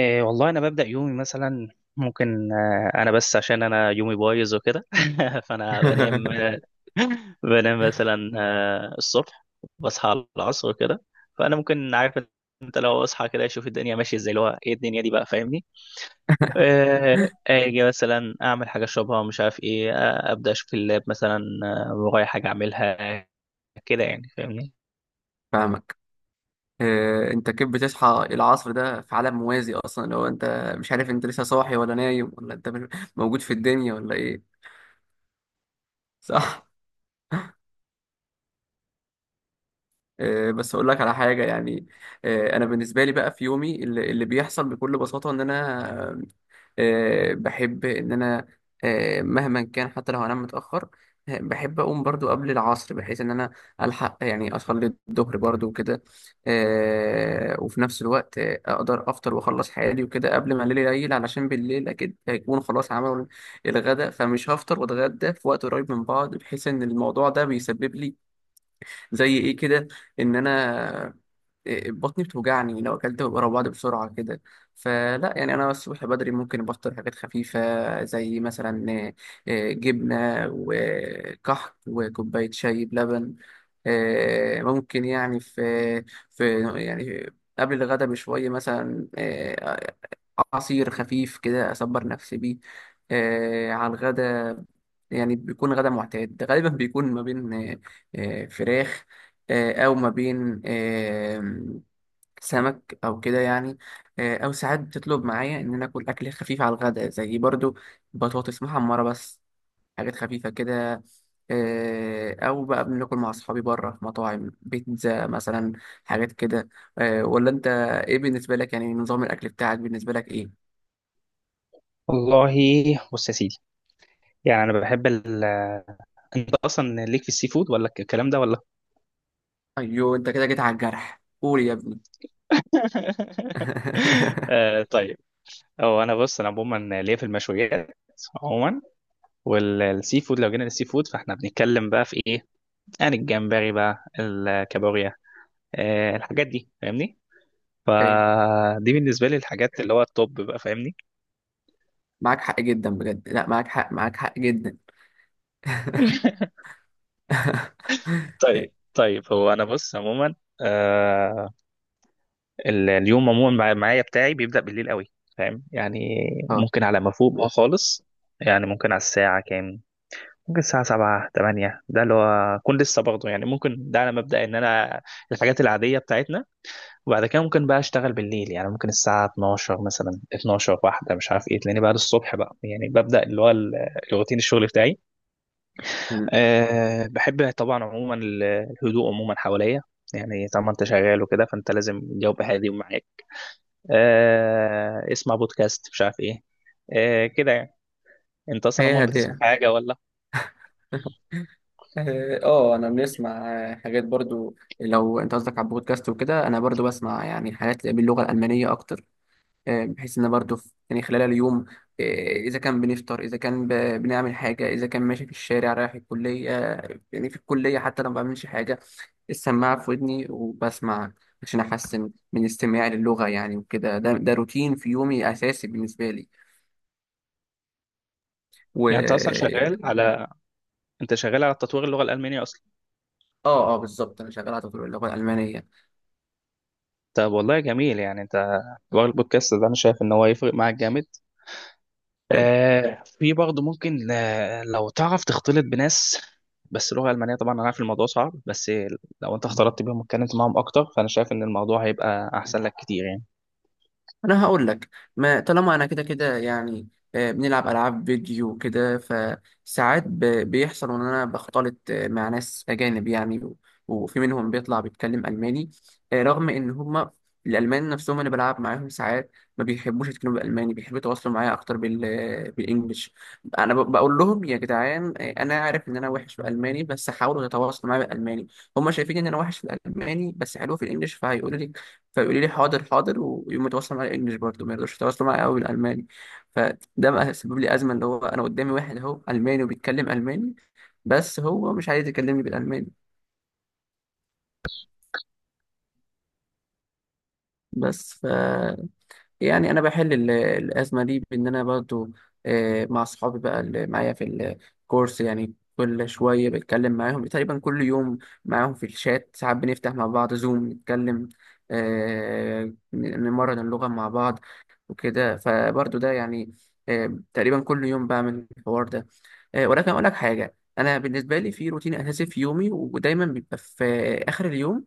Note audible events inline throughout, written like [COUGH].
إيه والله انا ببدا يومي مثلا ممكن انا بس عشان انا يومي بايظ وكده [LAUGHS] فانا بنام [LAUGHS] [LAUGHS] بنام مثلا الصبح. بصحى على العصر وكده فانا ممكن عارف. انت لو اصحى كده اشوف الدنيا ماشيه ازاي اللي هو ايه الدنيا دي بقى فاهمني. اجي مثلا اعمل حاجه اشربها مش عارف ايه ابدا اشوف اللاب مثلا ورايا حاجه اعملها كده يعني فاهمني. فاهمك. انت كيف بتصحى العصر ده في عالم موازي اصلا؟ لو انت مش عارف انت لسه صاحي ولا نايم ولا انت [LAUGHS] موجود في الدنيا ولا ايه؟ صح. بس اقول لك على حاجه يعني. انا بالنسبه لي بقى في يومي اللي بيحصل بكل بساطه ان انا بحب إن أنا، مهما كان حتى لو هنام متأخر، بحب أقوم برضو قبل العصر بحيث إن أنا ألحق يعني أصلي الظهر برضو وكده. وفي نفس الوقت أقدر أفطر وأخلص حياتي وكده قبل ما الليل يليل، علشان بالليل أكيد هيكون خلاص عملوا الغداء، فمش هفطر وأتغدى في وقت قريب من بعض، بحيث إن الموضوع ده بيسبب لي زي إيه كده، إن أنا بطني بتوجعني لو اكلت ورا بعض بسرعه كده. فلا يعني انا الصبح بدري ممكن بفطر حاجات خفيفه زي مثلا جبنه وكحك وكوبايه شاي بلبن. ممكن يعني في قبل الغدا بشويه مثلا، عصير خفيف كده اصبر نفسي بيه على الغدا. يعني بيكون غدا معتاد، غالبا بيكون ما بين فراخ او ما بين سمك او كده يعني. او ساعات بتطلب معايا ان انا اكل اكل خفيف على الغداء، زي برضو بطاطس محمره بس، حاجات خفيفه كده. او بقى بناكل مع اصحابي بره في مطاعم بيتزا مثلا، حاجات كده. ولا انت ايه بالنسبه لك، يعني نظام الاكل بتاعك بالنسبه لك ايه؟ والله، بص يا سيدي. يعني انا بحب انت اصلا ليك في السي فود ولا الكلام ده ولا؟ ايوه انت كده جيت على الجرح، قول يا ابني. [LAUGHS] [LAUGHS] طيب. هو انا بص انا عموما ليا في المشويات عموما، والسي فود لو جينا للسي فود فاحنا بنتكلم بقى في ايه؟ يعني الجمبري بقى الكابوريا، الحاجات دي فاهمني. إيه، فدي بالنسبه لي الحاجات اللي هو التوب بقى فاهمني. معاك حق جدا بجد، لا معاك حق، معاك حق جدا. [LAUGHS] [LAUGHS] طيب طيب هو انا بص عموما آه اليوم عموما معايا بتاعي بيبدأ بالليل قوي، فاهم يعني. اه، ممكن على ما فوق بقى خالص، يعني ممكن على الساعة كام؟ ممكن الساعة سبعة تمانية ده اللي هو أكون لسه برضه يعني. ممكن ده على مبدأ إن أنا الحاجات العادية بتاعتنا. وبعد كده ممكن بقى أشتغل بالليل، يعني ممكن الساعة 12 مثلا، 12 واحدة مش عارف إيه، تلاقيني بقى الصبح بقى يعني ببدأ اللي هو روتين الشغل بتاعي. أه بحب طبعا عموما الهدوء عموما حواليا. يعني طالما أنت شغال وكده فأنت لازم الجو هادي ومعاك. أه اسمع بودكاست مش عارف إيه، أه كده يعني. أنت أصلا هي عموما بتسمع هديه. حاجة ولا؟ [LAUGHS] اه، انا بنسمع حاجات برضو. لو انت قصدك على البودكاست وكده، انا برضو بسمع يعني حاجات باللغه الالمانيه اكتر. بحيث ان برضو يعني خلال اليوم، آه، اذا كان بنفطر، اذا كان بنعمل حاجه، اذا كان ماشي في الشارع رايح الكليه، يعني في الكليه حتى لو ما بعملش حاجه، السماعه في ودني وبسمع عشان احسن من استماعي للغه يعني. وكده ده روتين في يومي اساسي بالنسبه لي. و يعني أنت أصلا شغال على انت شغال على تطوير اللغه الالمانيه اصلا؟ اه بالظبط، انا شغال على تطوير اللغه الالمانيه. طب والله جميل يعني انت. تطوير البودكاست ده انا شايف ان هو يفرق معاك جامد. في برضه ممكن لو تعرف تختلط بناس. بس لغه المانيه طبعا انا عارف الموضوع صعب، بس لو انت اختلطت بيهم واتكلمت معاهم اكتر فانا شايف ان الموضوع هيبقى احسن لك كتير يعني. انا هقول لك، ما طالما انا كده يعني بنلعب العاب فيديو كده، فساعات بيحصل ان انا بختلط مع ناس اجانب يعني، وفي منهم بيطلع بيتكلم الماني. رغم ان هما الالمان نفسهم انا بلعب معاهم ساعات ما بيحبوش يتكلموا بالالماني، بيحبوا يتواصلوا معايا اكتر بالانجلش. انا بقول لهم يا جدعان انا عارف ان انا وحش بالالماني بس حاولوا يتواصلوا معايا بالالماني. هما شايفين ان انا وحش في الالماني بس حلو في الانجلش فهيقولوا لي، فيقولوا لي حاضر حاضر ويقوم يتواصل معايا انجلش برضه، ما يرضوش يتواصلوا معايا قوي بالالماني. فده بقى سبب لي ازمه، اللي هو انا قدامي واحد اهو الماني وبيتكلم الماني بس هو مش عايز يكلمني بالالماني. بس ف يعني انا بحل الازمه دي بان انا برضه مع اصحابي بقى اللي معايا في الكورس، يعني كل شويه بتكلم معاهم تقريبا كل يوم. معاهم في الشات ساعات بنفتح مع بعض زوم نتكلم، آه، نمرن اللغه مع بعض وكده. فبرضه ده يعني تقريبا كل يوم بعمل الحوار ده. ولكن اقول لك حاجه، انا بالنسبه لي في روتين اساسي في يومي ودايما بيبقى في اخر اليوم،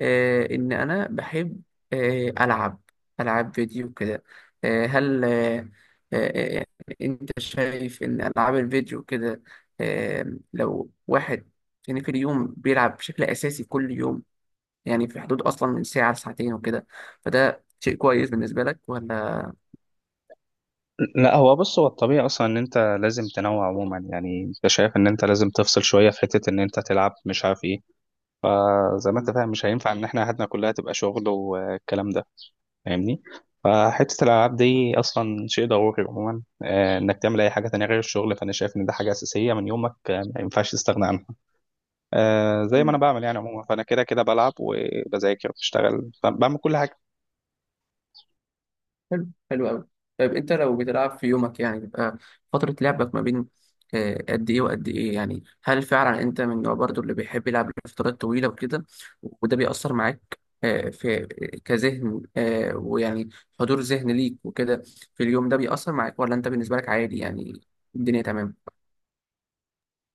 ان انا بحب العب العاب فيديو كده. آه، هل آه، آه، آه، انت شايف ان العاب الفيديو كده آه، لو واحد يعني في اليوم بيلعب بشكل اساسي كل يوم، يعني في حدود اصلا من ساعه لساعتين وكده، فده شيء كويس بالنسبه لك ولا؟ لا هو بص هو الطبيعي اصلا ان انت لازم تنوع عموما. يعني انت شايف ان انت لازم تفصل شويه في حته ان انت تلعب مش عارف ايه، زي ما انت فاهم مش هينفع ان احنا حياتنا كلها تبقى شغل والكلام ده، فاهمني. فحتة الألعاب دي أصلا شيء ضروري عموما، إنك تعمل أي حاجة تانية غير الشغل. فأنا شايف إن ده حاجة أساسية من يومك، ما ينفعش تستغنى عنها. زي ما أنا مم. بعمل يعني عموما، فأنا كده كده بلعب وبذاكر وبشتغل بعمل كل حاجة. حلو، حلو قوي. طيب انت لو بتلعب في يومك يعني بيبقى فترة لعبك ما بين قد ايه وقد ايه؟ يعني هل فعلا انت من النوع برضو اللي بيحب يلعب لفترات طويلة وكده، وده بيأثر معاك آه، في آه، كذهن ويعني حضور ذهن ليك وكده في اليوم ده؟ بيأثر معاك ولا انت بالنسبة لك عادي يعني، الدنيا تمام؟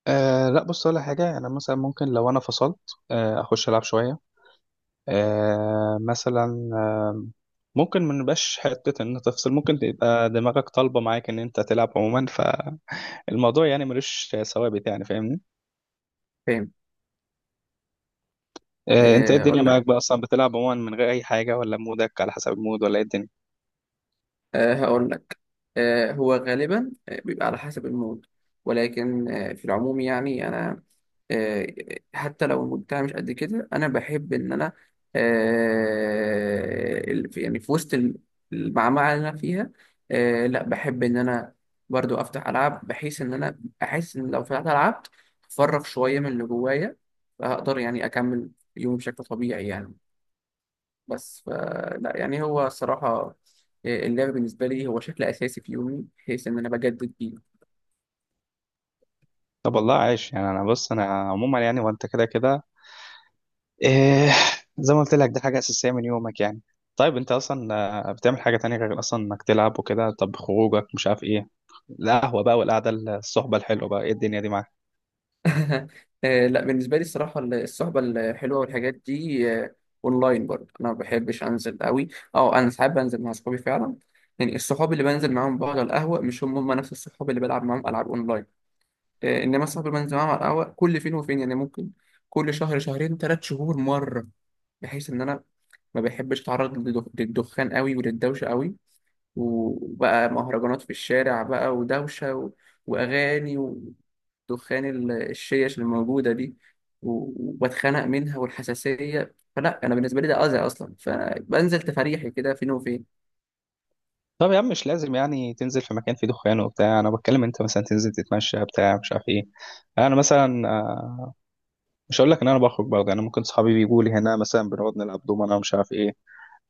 أه لا بص ولا حاجة، أنا مثلا ممكن لو أنا فصلت أخش ألعب شوية. أه مثلا ممكن ما نبقاش حتة إن تفصل، ممكن تبقى دماغك طالبة معاك إن أنت تلعب عموما. فالموضوع يعني ملوش ثوابت يعني فاهمني. فاهم. انت ايه آه، الدنيا اقول معاك لك بقى؟ اصلا بتلعب عموما من غير اي حاجه ولا مودك على حسب المود ولا ايه الدنيا؟ آه، هقول آه، هو غالبا بيبقى على حسب المود. ولكن في العموم يعني انا آه، حتى لو المود بتاعي مش قد كده، انا بحب ان انا يعني في وسط المعمعة اللي انا فيها لا بحب ان انا برضو افتح العاب، بحيث ان انا احس ان لو فتحت العاب افرغ شوية من اللي جوايا فهقدر يعني اكمل يومي بشكل طبيعي يعني. بس ف- لا يعني هو الصراحة اللعب بالنسبة لي هو شكل أساسي في يومي بحيث إن أنا بجدد بيه. طب والله عايش يعني. انا بص انا عموما يعني وانت كده كده إيه، زي ما قلت لك دي حاجه اساسيه من يومك يعني. طيب انت اصلا بتعمل حاجه تانية غير اصلا انك تلعب وكده؟ طب خروجك مش عارف ايه، القهوه بقى والقعده الصحبه الحلوه بقى ايه الدنيا دي معاك؟ [LAUGHS] لا، بالنسبة لي الصراحة الصحبة الحلوة والحاجات دي أونلاين برضه، أنا ما بحبش أنزل قوي. أه أنا ساعات بنزل مع أصحابي فعلا. يعني الصحاب اللي بنزل معاهم بقعد على القهوة مش هم نفس الصحاب اللي بلعب معاهم ألعاب أونلاين. إنما الصحاب اللي بنزل معاهم على القهوة كل فين وفين، يعني ممكن كل شهر، شهرين، ثلاث شهور مرة، بحيث إن أنا ما بحبش أتعرض للدخان قوي وللدوشة قوي، وبقى مهرجانات في الشارع بقى ودوشة و... وأغاني ودخان الشيش الموجودة دي، وبتخنق منها والحساسية. فلا، أنا بالنسبة لي ده أذى أصلا، فبنزل تفريحي كده فين وفين. طب يا عم مش لازم يعني تنزل في مكان فيه دخان وبتاع، انا بتكلم انت مثلا تنزل تتمشى بتاع مش عارف ايه. انا مثلا مش هقول لك ان انا بخرج برضه، انا ممكن صحابي بيجوا لي هنا مثلا بنقعد نلعب دومنا ومش عارف ايه،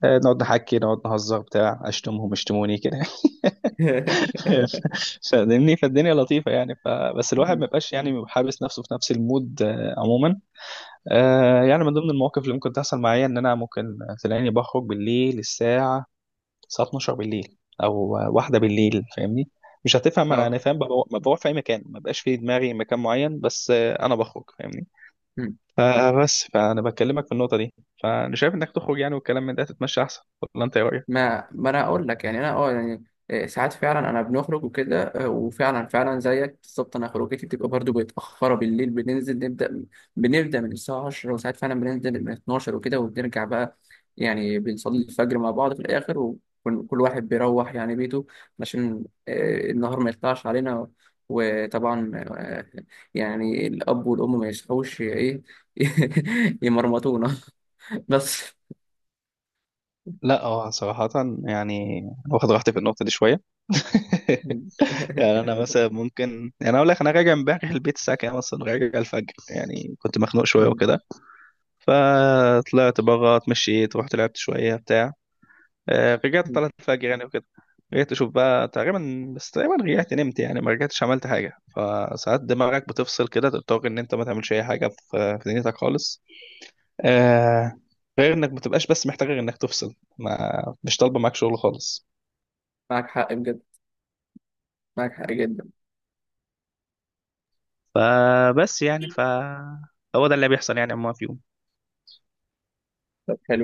نقعد نحكي نقعد نهزر بتاع اشتمهم اشتموني كده. [LAUGHS] [LAUGHS] فاهمني، فالدنيا لطيفه يعني. فبس الواحد ما يبقاش يعني حابس نفسه في نفس المود عموما. يعني من ضمن المواقف اللي ممكن تحصل معايا ان انا ممكن تلاقيني بخرج بالليل الساعه 12 بالليل، او واحده بالليل فاهمني. مش هتفهم، انا اه، فاهم بروح في اي مكان ما بقاش في دماغي مكان معين، بس انا بخرج فاهمني. فبس فانا بكلمك في النقطه دي. فانا شايف انك تخرج يعني والكلام من ده تتمشى احسن، ولا انت ايه رايك؟ ما انا اقول لك يعني انا اه يعني ساعات فعلا انا بنخرج وكده. وفعلا فعلا زيك بالظبط، انا خروجتي بتبقى برضو متاخره بالليل، بننزل نبدا بنبدا من الساعه 10، وساعات فعلا بننزل من 12 وكده، وبنرجع بقى، يعني بنصلي الفجر مع بعض في الاخر، وكل واحد بيروح يعني بيته، عشان النهار ما يطلعش علينا. وطبعا يعني الاب والام ما يصحوش ايه [LAUGHS] يمرمطونا. [LAUGHS] بس. لا هو صراحة يعني واخد راحتي في النقطة دي شوية. [LAUGHS] يعني أنا مثلا ممكن يعني أقول لك أنا راجع امبارح البيت الساعة كام أصلا. راجع الفجر يعني، كنت مخنوق شوية وكده فطلعت بره، اتمشيت، رحت لعبت شوية بتاع رجعت، طلعت [LAUGHS] الفجر يعني وكده. رجعت أشوف بقى تقريبا، بس تقريبا رجعت نمت يعني ما رجعتش عملت حاجة. فساعات دماغك بتفصل كده، تضطر إن أنت ما تعملش أي حاجة في دنيتك خالص، آه، غير إنك ما تبقاش بس محتاج غير إنك تفصل، ما مش طالبة معاك شغل خالص. معاك حق بجد، معاك حق جدا. فبس يعني هو ده اللي بيحصل يعني عموما فيهم. طب حلو.